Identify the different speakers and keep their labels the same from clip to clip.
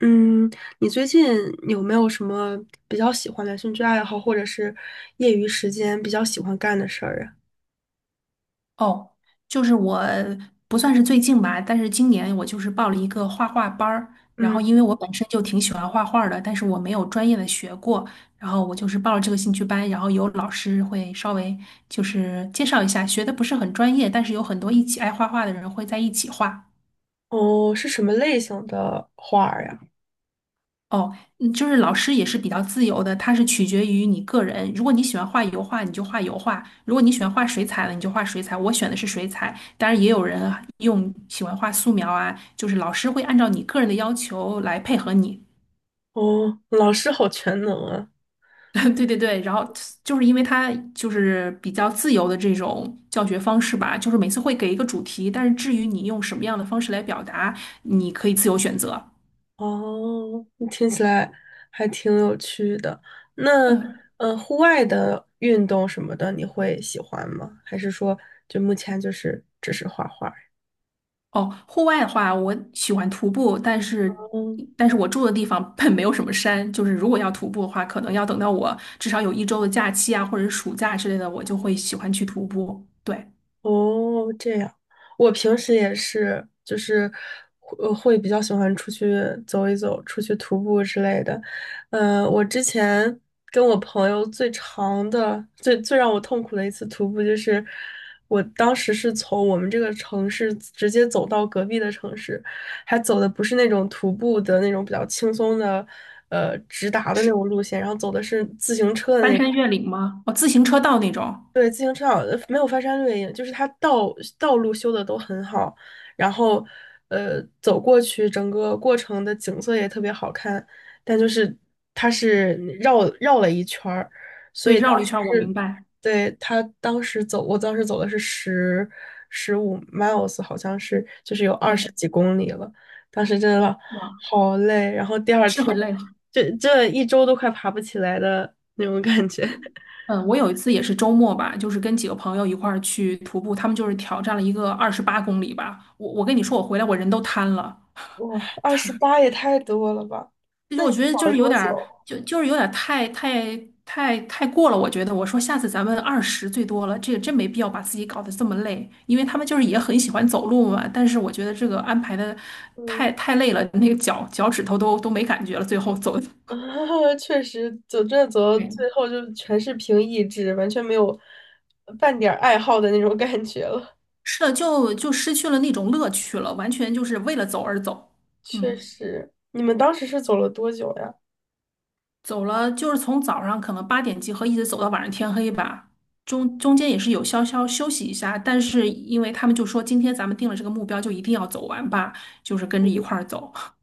Speaker 1: 嗯，你最近有没有什么比较喜欢的兴趣爱好，或者是业余时间比较喜欢干的事儿啊？
Speaker 2: 哦，就是我不算是最近吧，但是今年我就是报了一个画画班儿，然
Speaker 1: 嗯，
Speaker 2: 后因为我本身就挺喜欢画画儿的，但是我没有专业的学过，然后我就是报了这个兴趣班，然后有老师会稍微就是介绍一下，学的不是很专业，但是有很多一起爱画画的人会在一起画。
Speaker 1: 哦，是什么类型的画儿呀？
Speaker 2: 哦，就是老师也是比较自由的，它是取决于你个人。如果你喜欢画油画，你就画油画；如果你喜欢画水彩了，你就画水彩。我选的是水彩，当然也有人啊用喜欢画素描啊，就是老师会按照你个人的要求来配合你。
Speaker 1: 哦，老师好全能啊！
Speaker 2: 对对对，然后就是因为它就是比较自由的这种教学方式吧，就是每次会给一个主题，但是至于你用什么样的方式来表达，你可以自由选择。
Speaker 1: 哦，听起来还挺有趣的。那，
Speaker 2: 嗯。
Speaker 1: 户外的运动什么的，你会喜欢吗？还是说，就目前就是只是画画？
Speaker 2: 哦，户外的话，我喜欢徒步，但是，
Speaker 1: 嗯。
Speaker 2: 但是我住的地方本没有什么山，就是如果要徒步的话，可能要等到我至少有一周的假期啊，或者是暑假之类的，我就会喜欢去徒步。对，
Speaker 1: 哦，这样，我平时也是，就是会比较喜欢出去走一走，出去徒步之类的。嗯、我之前跟我朋友最长的、最最让我痛苦的一次徒步，就是我当时是从我们这个城市直接走到隔壁的城市，还走的不是那种徒步的那种比较轻松的，直达的那
Speaker 2: 是
Speaker 1: 种路线，然后走的是自行车的
Speaker 2: 翻
Speaker 1: 那
Speaker 2: 山
Speaker 1: 种。
Speaker 2: 越岭吗？哦，自行车道那种。
Speaker 1: 对，自行车好，没有翻山越岭，就是它道路修的都很好，然后走过去，整个过程的景色也特别好看，但就是它是绕了一圈儿，所
Speaker 2: 对，
Speaker 1: 以当
Speaker 2: 绕了一
Speaker 1: 时
Speaker 2: 圈儿，我
Speaker 1: 是，
Speaker 2: 明白。
Speaker 1: 对，他当时走，我当时走的是十五 miles，好像是就是有二十
Speaker 2: 对，
Speaker 1: 几公里了，当时真的
Speaker 2: 哇，
Speaker 1: 好累，然后第二
Speaker 2: 是
Speaker 1: 天
Speaker 2: 很累。
Speaker 1: 这一周都快爬不起来的那种感觉。
Speaker 2: 嗯，我有一次也是周末吧，就是跟几个朋友一块儿去徒步，他们就是挑战了一个28公里吧。我跟你说，我回来我人都瘫了。
Speaker 1: 哇，28也太多了吧？
Speaker 2: 就
Speaker 1: 那
Speaker 2: 是
Speaker 1: 你
Speaker 2: 我
Speaker 1: 们
Speaker 2: 觉得
Speaker 1: 搞
Speaker 2: 就
Speaker 1: 了
Speaker 2: 是有
Speaker 1: 多
Speaker 2: 点儿，
Speaker 1: 久？
Speaker 2: 就是有点儿太过了。我觉得我说下次咱们二十最多了，这个真没必要把自己搞得这么累，因为他们就是也很喜欢走路嘛。但是我觉得这个安排的
Speaker 1: 嗯，
Speaker 2: 太累了，那个脚趾头都没感觉了，最后走 的
Speaker 1: 确实，走这走，到
Speaker 2: 对，
Speaker 1: 最后就全是凭意志，完全没有半点儿爱好的那种感觉了。
Speaker 2: 是的，就失去了那种乐趣了，完全就是为了走而走。
Speaker 1: 确
Speaker 2: 嗯。
Speaker 1: 实，你们当时是走了多久呀？
Speaker 2: 走了，就是从早上可能8点集合，一直走到晚上天黑吧。中间也是有稍稍休息一下，但是因为他们就说今天咱们定了这个目标，就一定要走完吧，就是跟着一块儿走。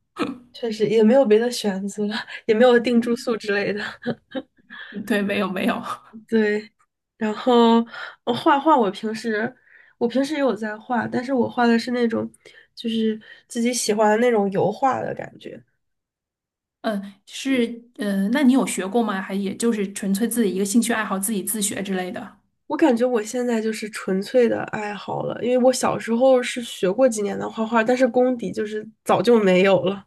Speaker 1: 确实也没有别的选择，也没有定住
Speaker 2: 嗯，
Speaker 1: 宿之类的。
Speaker 2: 对，没有没有，
Speaker 1: 对，然后画画，我平时也有在画，但是我画的是那种就是自己喜欢的那种油画的感觉。
Speaker 2: 嗯，是，嗯，那你有学过吗？还也就是纯粹自己一个兴趣爱好，自己自学之类的。
Speaker 1: 我感觉我现在就是纯粹的爱好了，因为我小时候是学过几年的画画，但是功底就是早就没有了。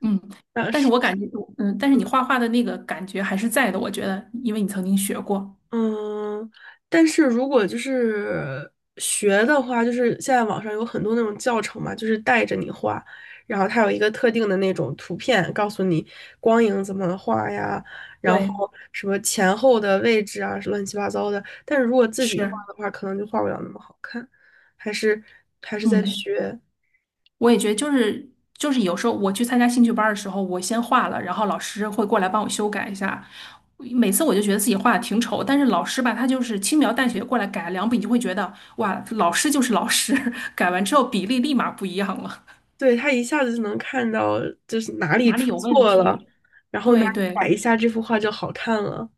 Speaker 2: 嗯，
Speaker 1: 但
Speaker 2: 但是
Speaker 1: 是，
Speaker 2: 我感觉，嗯，但是你画画的那个感觉还是在的，我觉得，因为你曾经学过。
Speaker 1: 嗯，但是如果就是学的话，就是现在网上有很多那种教程嘛，就是带着你画，然后它有一个特定的那种图片，告诉你光影怎么画呀，然
Speaker 2: 对，
Speaker 1: 后什么前后的位置啊，乱七八糟的。但是如果自己画
Speaker 2: 是，
Speaker 1: 的话，可能就画不了那么好看，还是还是在
Speaker 2: 嗯。
Speaker 1: 学。
Speaker 2: 我也觉得就是有时候我去参加兴趣班儿的时候，我先画了，然后老师会过来帮我修改一下。每次我就觉得自己画的挺丑，但是老师吧，他就是轻描淡写地过来改两笔，你就会觉得哇，老师就是老师，改完之后比例立马不一样了，
Speaker 1: 对，他一下子就能看到就是哪里
Speaker 2: 哪里
Speaker 1: 出
Speaker 2: 有问
Speaker 1: 错了，
Speaker 2: 题？
Speaker 1: 然后哪
Speaker 2: 对
Speaker 1: 里
Speaker 2: 对
Speaker 1: 改一下，这幅画就好看了。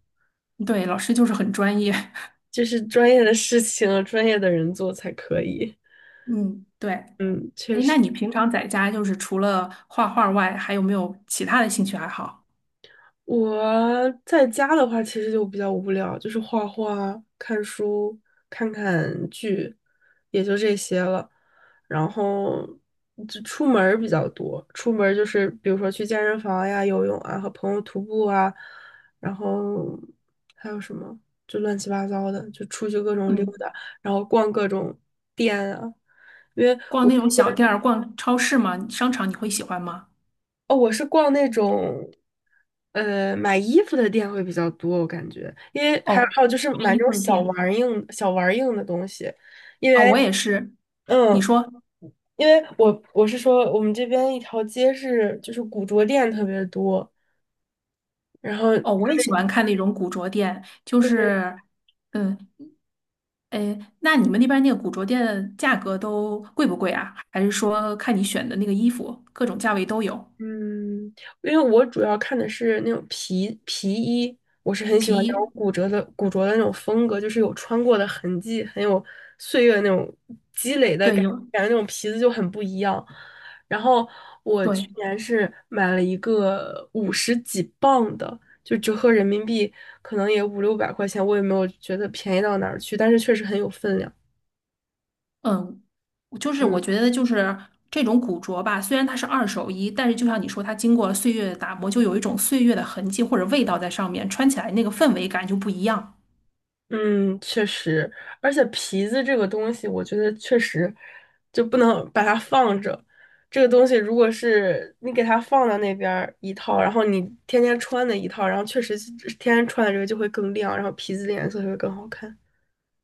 Speaker 2: 对，老师就是很专业。
Speaker 1: 这是专业的事情，专业的人做才可以。
Speaker 2: 嗯，对。
Speaker 1: 嗯，确
Speaker 2: 哎，
Speaker 1: 实。
Speaker 2: 那你平常在家就是除了画画外，还有没有其他的兴趣爱好？
Speaker 1: 我在家的话，其实就比较无聊，就是画画、看书、看看剧，也就这些了。然后就出门儿比较多，出门儿就是比如说去健身房呀、游泳啊，和朋友徒步啊，然后还有什么就乱七八糟的，就出去各种溜
Speaker 2: 嗯，
Speaker 1: 达，然后逛各种店啊。因为
Speaker 2: 逛
Speaker 1: 我。
Speaker 2: 那种小店儿、逛超市吗？商场你会喜欢吗？
Speaker 1: 哦，我是逛那种，买衣服的店会比较多，我感觉，因为还有
Speaker 2: 哦，
Speaker 1: 还有就是
Speaker 2: 卖
Speaker 1: 买那
Speaker 2: 衣
Speaker 1: 种
Speaker 2: 服的
Speaker 1: 小
Speaker 2: 店
Speaker 1: 玩儿硬小玩儿硬的东西，因
Speaker 2: 哦，
Speaker 1: 为，
Speaker 2: 我也是。你
Speaker 1: 嗯，
Speaker 2: 说
Speaker 1: 因为我是说我们这边一条街是就是古着店特别多，然后。
Speaker 2: 哦，我也喜欢看那种古着店，就是嗯，哎，那你们那边那个古着店的价格都贵不贵啊？还是说看你选的那个衣服，各种价位都有？
Speaker 1: 嗯，因为我主要看的是那种皮衣，我是很喜欢那种
Speaker 2: 一，
Speaker 1: 古着的那种风格，就是有穿过的痕迹，很有岁月那种积累的
Speaker 2: 对，
Speaker 1: 感
Speaker 2: 有，
Speaker 1: 感觉，那种皮子就很不一样。然后我去
Speaker 2: 对，
Speaker 1: 年是买了一个五十几磅的，就折合人民币可能也五六百块钱，我也没有觉得便宜到哪儿去，但是确实很有分量。
Speaker 2: 嗯，就是
Speaker 1: 嗯。
Speaker 2: 我觉得就是这种古着吧，虽然它是二手衣，但是就像你说，它经过了岁月的打磨，就有一种岁月的痕迹或者味道在上面，穿起来那个氛围感就不一样。
Speaker 1: 嗯，确实，而且皮子这个东西，我觉得确实就不能把它放着。这个东西如果是你给它放到那边儿一套，然后你天天穿的一套，然后确实是天天穿的这个就会更亮，然后皮子的颜色就会更好看。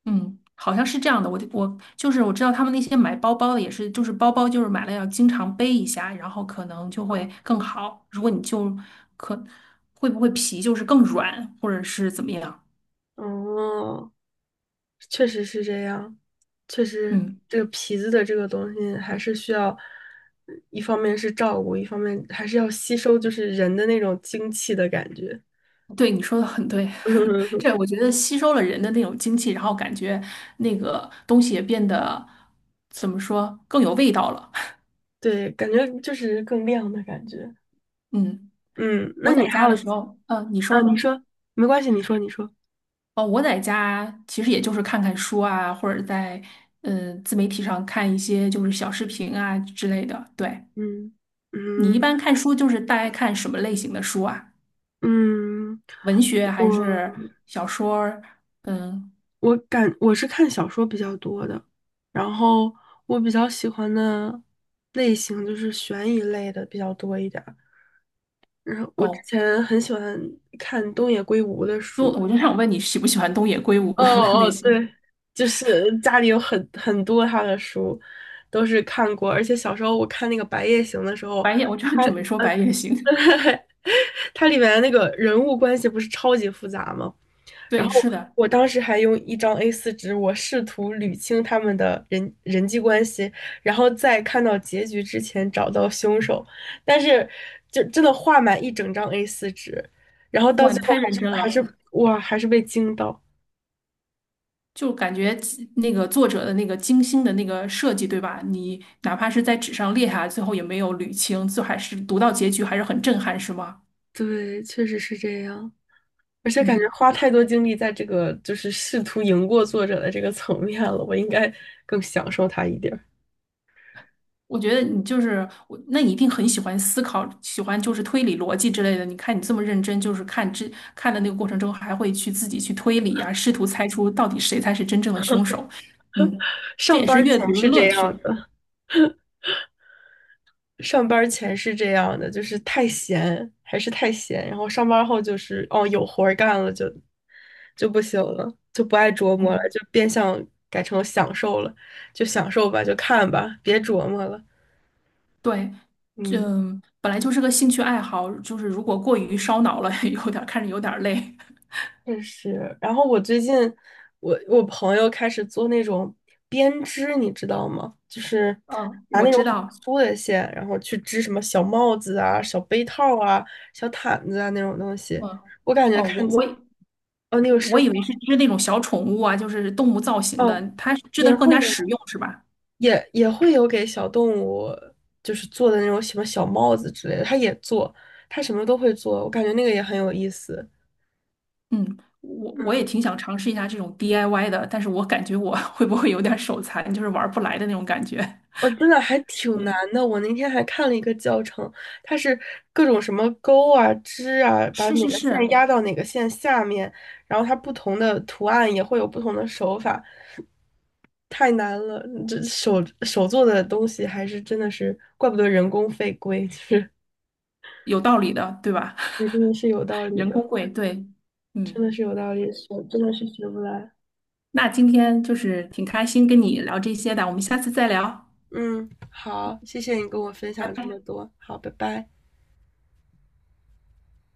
Speaker 2: 嗯，好像是这样的。我就是我知道他们那些买包包的也是，就是包包就是买了要经常背一下，然后可能就会更好。如果你就可会不会皮就是更软，或者是怎么样？
Speaker 1: 哦，确实是这样，确实
Speaker 2: 嗯，
Speaker 1: 这个皮子的这个东西还是需要，一方面是照顾，一方面还是要吸收就是人的那种精气的感觉。
Speaker 2: 对，你说的很对。这 我觉得吸收了人的那种精气，然后感觉那个东西也变得怎么说更有味道了。
Speaker 1: 对，感觉就是更亮的感觉。
Speaker 2: 嗯，
Speaker 1: 嗯，那
Speaker 2: 我在
Speaker 1: 你还
Speaker 2: 家
Speaker 1: 有
Speaker 2: 的时候，嗯，你
Speaker 1: 啊？你
Speaker 2: 说。
Speaker 1: 说没关系，你说你说。
Speaker 2: 哦，我在家其实也就是看看书啊，或者在自媒体上看一些就是小视频啊之类的。对，
Speaker 1: 嗯
Speaker 2: 你
Speaker 1: 嗯
Speaker 2: 一般看书就是大概看什么类型的书啊？
Speaker 1: 嗯，
Speaker 2: 文学还
Speaker 1: 我
Speaker 2: 是小说儿嗯，
Speaker 1: 我是看小说比较多的，然后我比较喜欢的类型就是悬疑类的比较多一点儿。然后我之
Speaker 2: 哦，
Speaker 1: 前很喜欢看东野圭吾的书，
Speaker 2: 我就想问你喜不喜欢东野圭吾
Speaker 1: 哦
Speaker 2: 的
Speaker 1: 哦，
Speaker 2: 类型？
Speaker 1: 对，就是家里有很多他的书，都是看过，而且小时候我看那个《白夜行》的时候，
Speaker 2: 我就
Speaker 1: 他
Speaker 2: 准备说
Speaker 1: 呃，
Speaker 2: 白夜行。
Speaker 1: 它里面那个人物关系不是超级复杂吗？然
Speaker 2: 对，
Speaker 1: 后
Speaker 2: 是的，
Speaker 1: 我当时还用一张 a 四纸，我试图捋清他们的人际关系，然后在看到结局之前找到凶手，但是就真的画满一整张 a 四纸，然后到
Speaker 2: 哇，
Speaker 1: 最
Speaker 2: 你
Speaker 1: 后
Speaker 2: 太
Speaker 1: 还
Speaker 2: 认
Speaker 1: 是
Speaker 2: 真
Speaker 1: 还
Speaker 2: 了。
Speaker 1: 是哇，还是被惊到。
Speaker 2: 就感觉那个作者的那个精心的那个设计，对吧？你哪怕是在纸上列下来，最后也没有捋清，最后还是读到结局还是很震撼，是吗？
Speaker 1: 对，确实是这样。而且感觉
Speaker 2: 嗯，
Speaker 1: 花太多精力在这个就是试图赢过作者的这个层面了，我应该更享受它一点儿。
Speaker 2: 我觉得你就是我，那你一定很喜欢思考，喜欢就是推理逻辑之类的。你看你这么认真，就是看的那个过程中，还会去自己去推理啊，试图猜出到底谁才是真正的凶手。嗯，这
Speaker 1: 上
Speaker 2: 也
Speaker 1: 班
Speaker 2: 是
Speaker 1: 儿
Speaker 2: 阅
Speaker 1: 前
Speaker 2: 读的
Speaker 1: 是
Speaker 2: 乐
Speaker 1: 这样
Speaker 2: 趣。
Speaker 1: 的，上班儿前是这样的，就是太闲还是太闲，然后上班儿后就是哦有活儿干了就不行了，就不爱琢磨了，
Speaker 2: 嗯。
Speaker 1: 就变相改成享受了，就享受吧，就看吧，别琢磨了。
Speaker 2: 对，
Speaker 1: 嗯。
Speaker 2: 嗯，本来就是个兴趣爱好，就是如果过于烧脑了，有点儿看着有点儿累。
Speaker 1: 确实，然后我最近，我朋友开始做那种编织，你知道吗？就是
Speaker 2: 嗯，
Speaker 1: 拿
Speaker 2: 我
Speaker 1: 那种
Speaker 2: 知
Speaker 1: 很
Speaker 2: 道。
Speaker 1: 粗的线，然后去织什么小帽子啊、小杯套啊、小毯子啊那种东西。
Speaker 2: 嗯，
Speaker 1: 我感觉
Speaker 2: 哦，我
Speaker 1: 看起，
Speaker 2: 我以
Speaker 1: 哦，你有试
Speaker 2: 我以为
Speaker 1: 过？
Speaker 2: 是织那种小宠物啊，就是动物造型的，
Speaker 1: 哦，
Speaker 2: 它是织的
Speaker 1: 也
Speaker 2: 更
Speaker 1: 会
Speaker 2: 加
Speaker 1: 有，
Speaker 2: 实用，是吧？
Speaker 1: 也会有给小动物，就是做的那种什么小帽子之类的，他也做，他什么都会做，我感觉那个也很有意思。
Speaker 2: 嗯，我也挺想尝试一下这种 DIY 的，但是我感觉我 会不会有点儿手残，就是玩儿不来的那种感觉。
Speaker 1: 我真的还挺难
Speaker 2: 嗯，
Speaker 1: 的。我那天还看了一个教程，它是各种什么钩啊、织啊，把
Speaker 2: 是
Speaker 1: 哪
Speaker 2: 是
Speaker 1: 个线
Speaker 2: 是，
Speaker 1: 压到哪个线下面，然后它不同的图案也会有不同的手法，太难了。这手做的东西还是真的是，怪不得人工费贵，就是
Speaker 2: 有道理的，对吧？
Speaker 1: 也真的是有道 理
Speaker 2: 人工
Speaker 1: 的，
Speaker 2: 贵，对，嗯。
Speaker 1: 真的是有道理，学真的是学不来。
Speaker 2: 那今天就是挺开心跟你聊这些的，我们下次再聊，
Speaker 1: 嗯，好，谢谢你跟我分
Speaker 2: 拜
Speaker 1: 享这么
Speaker 2: 拜。
Speaker 1: 多，好，拜拜。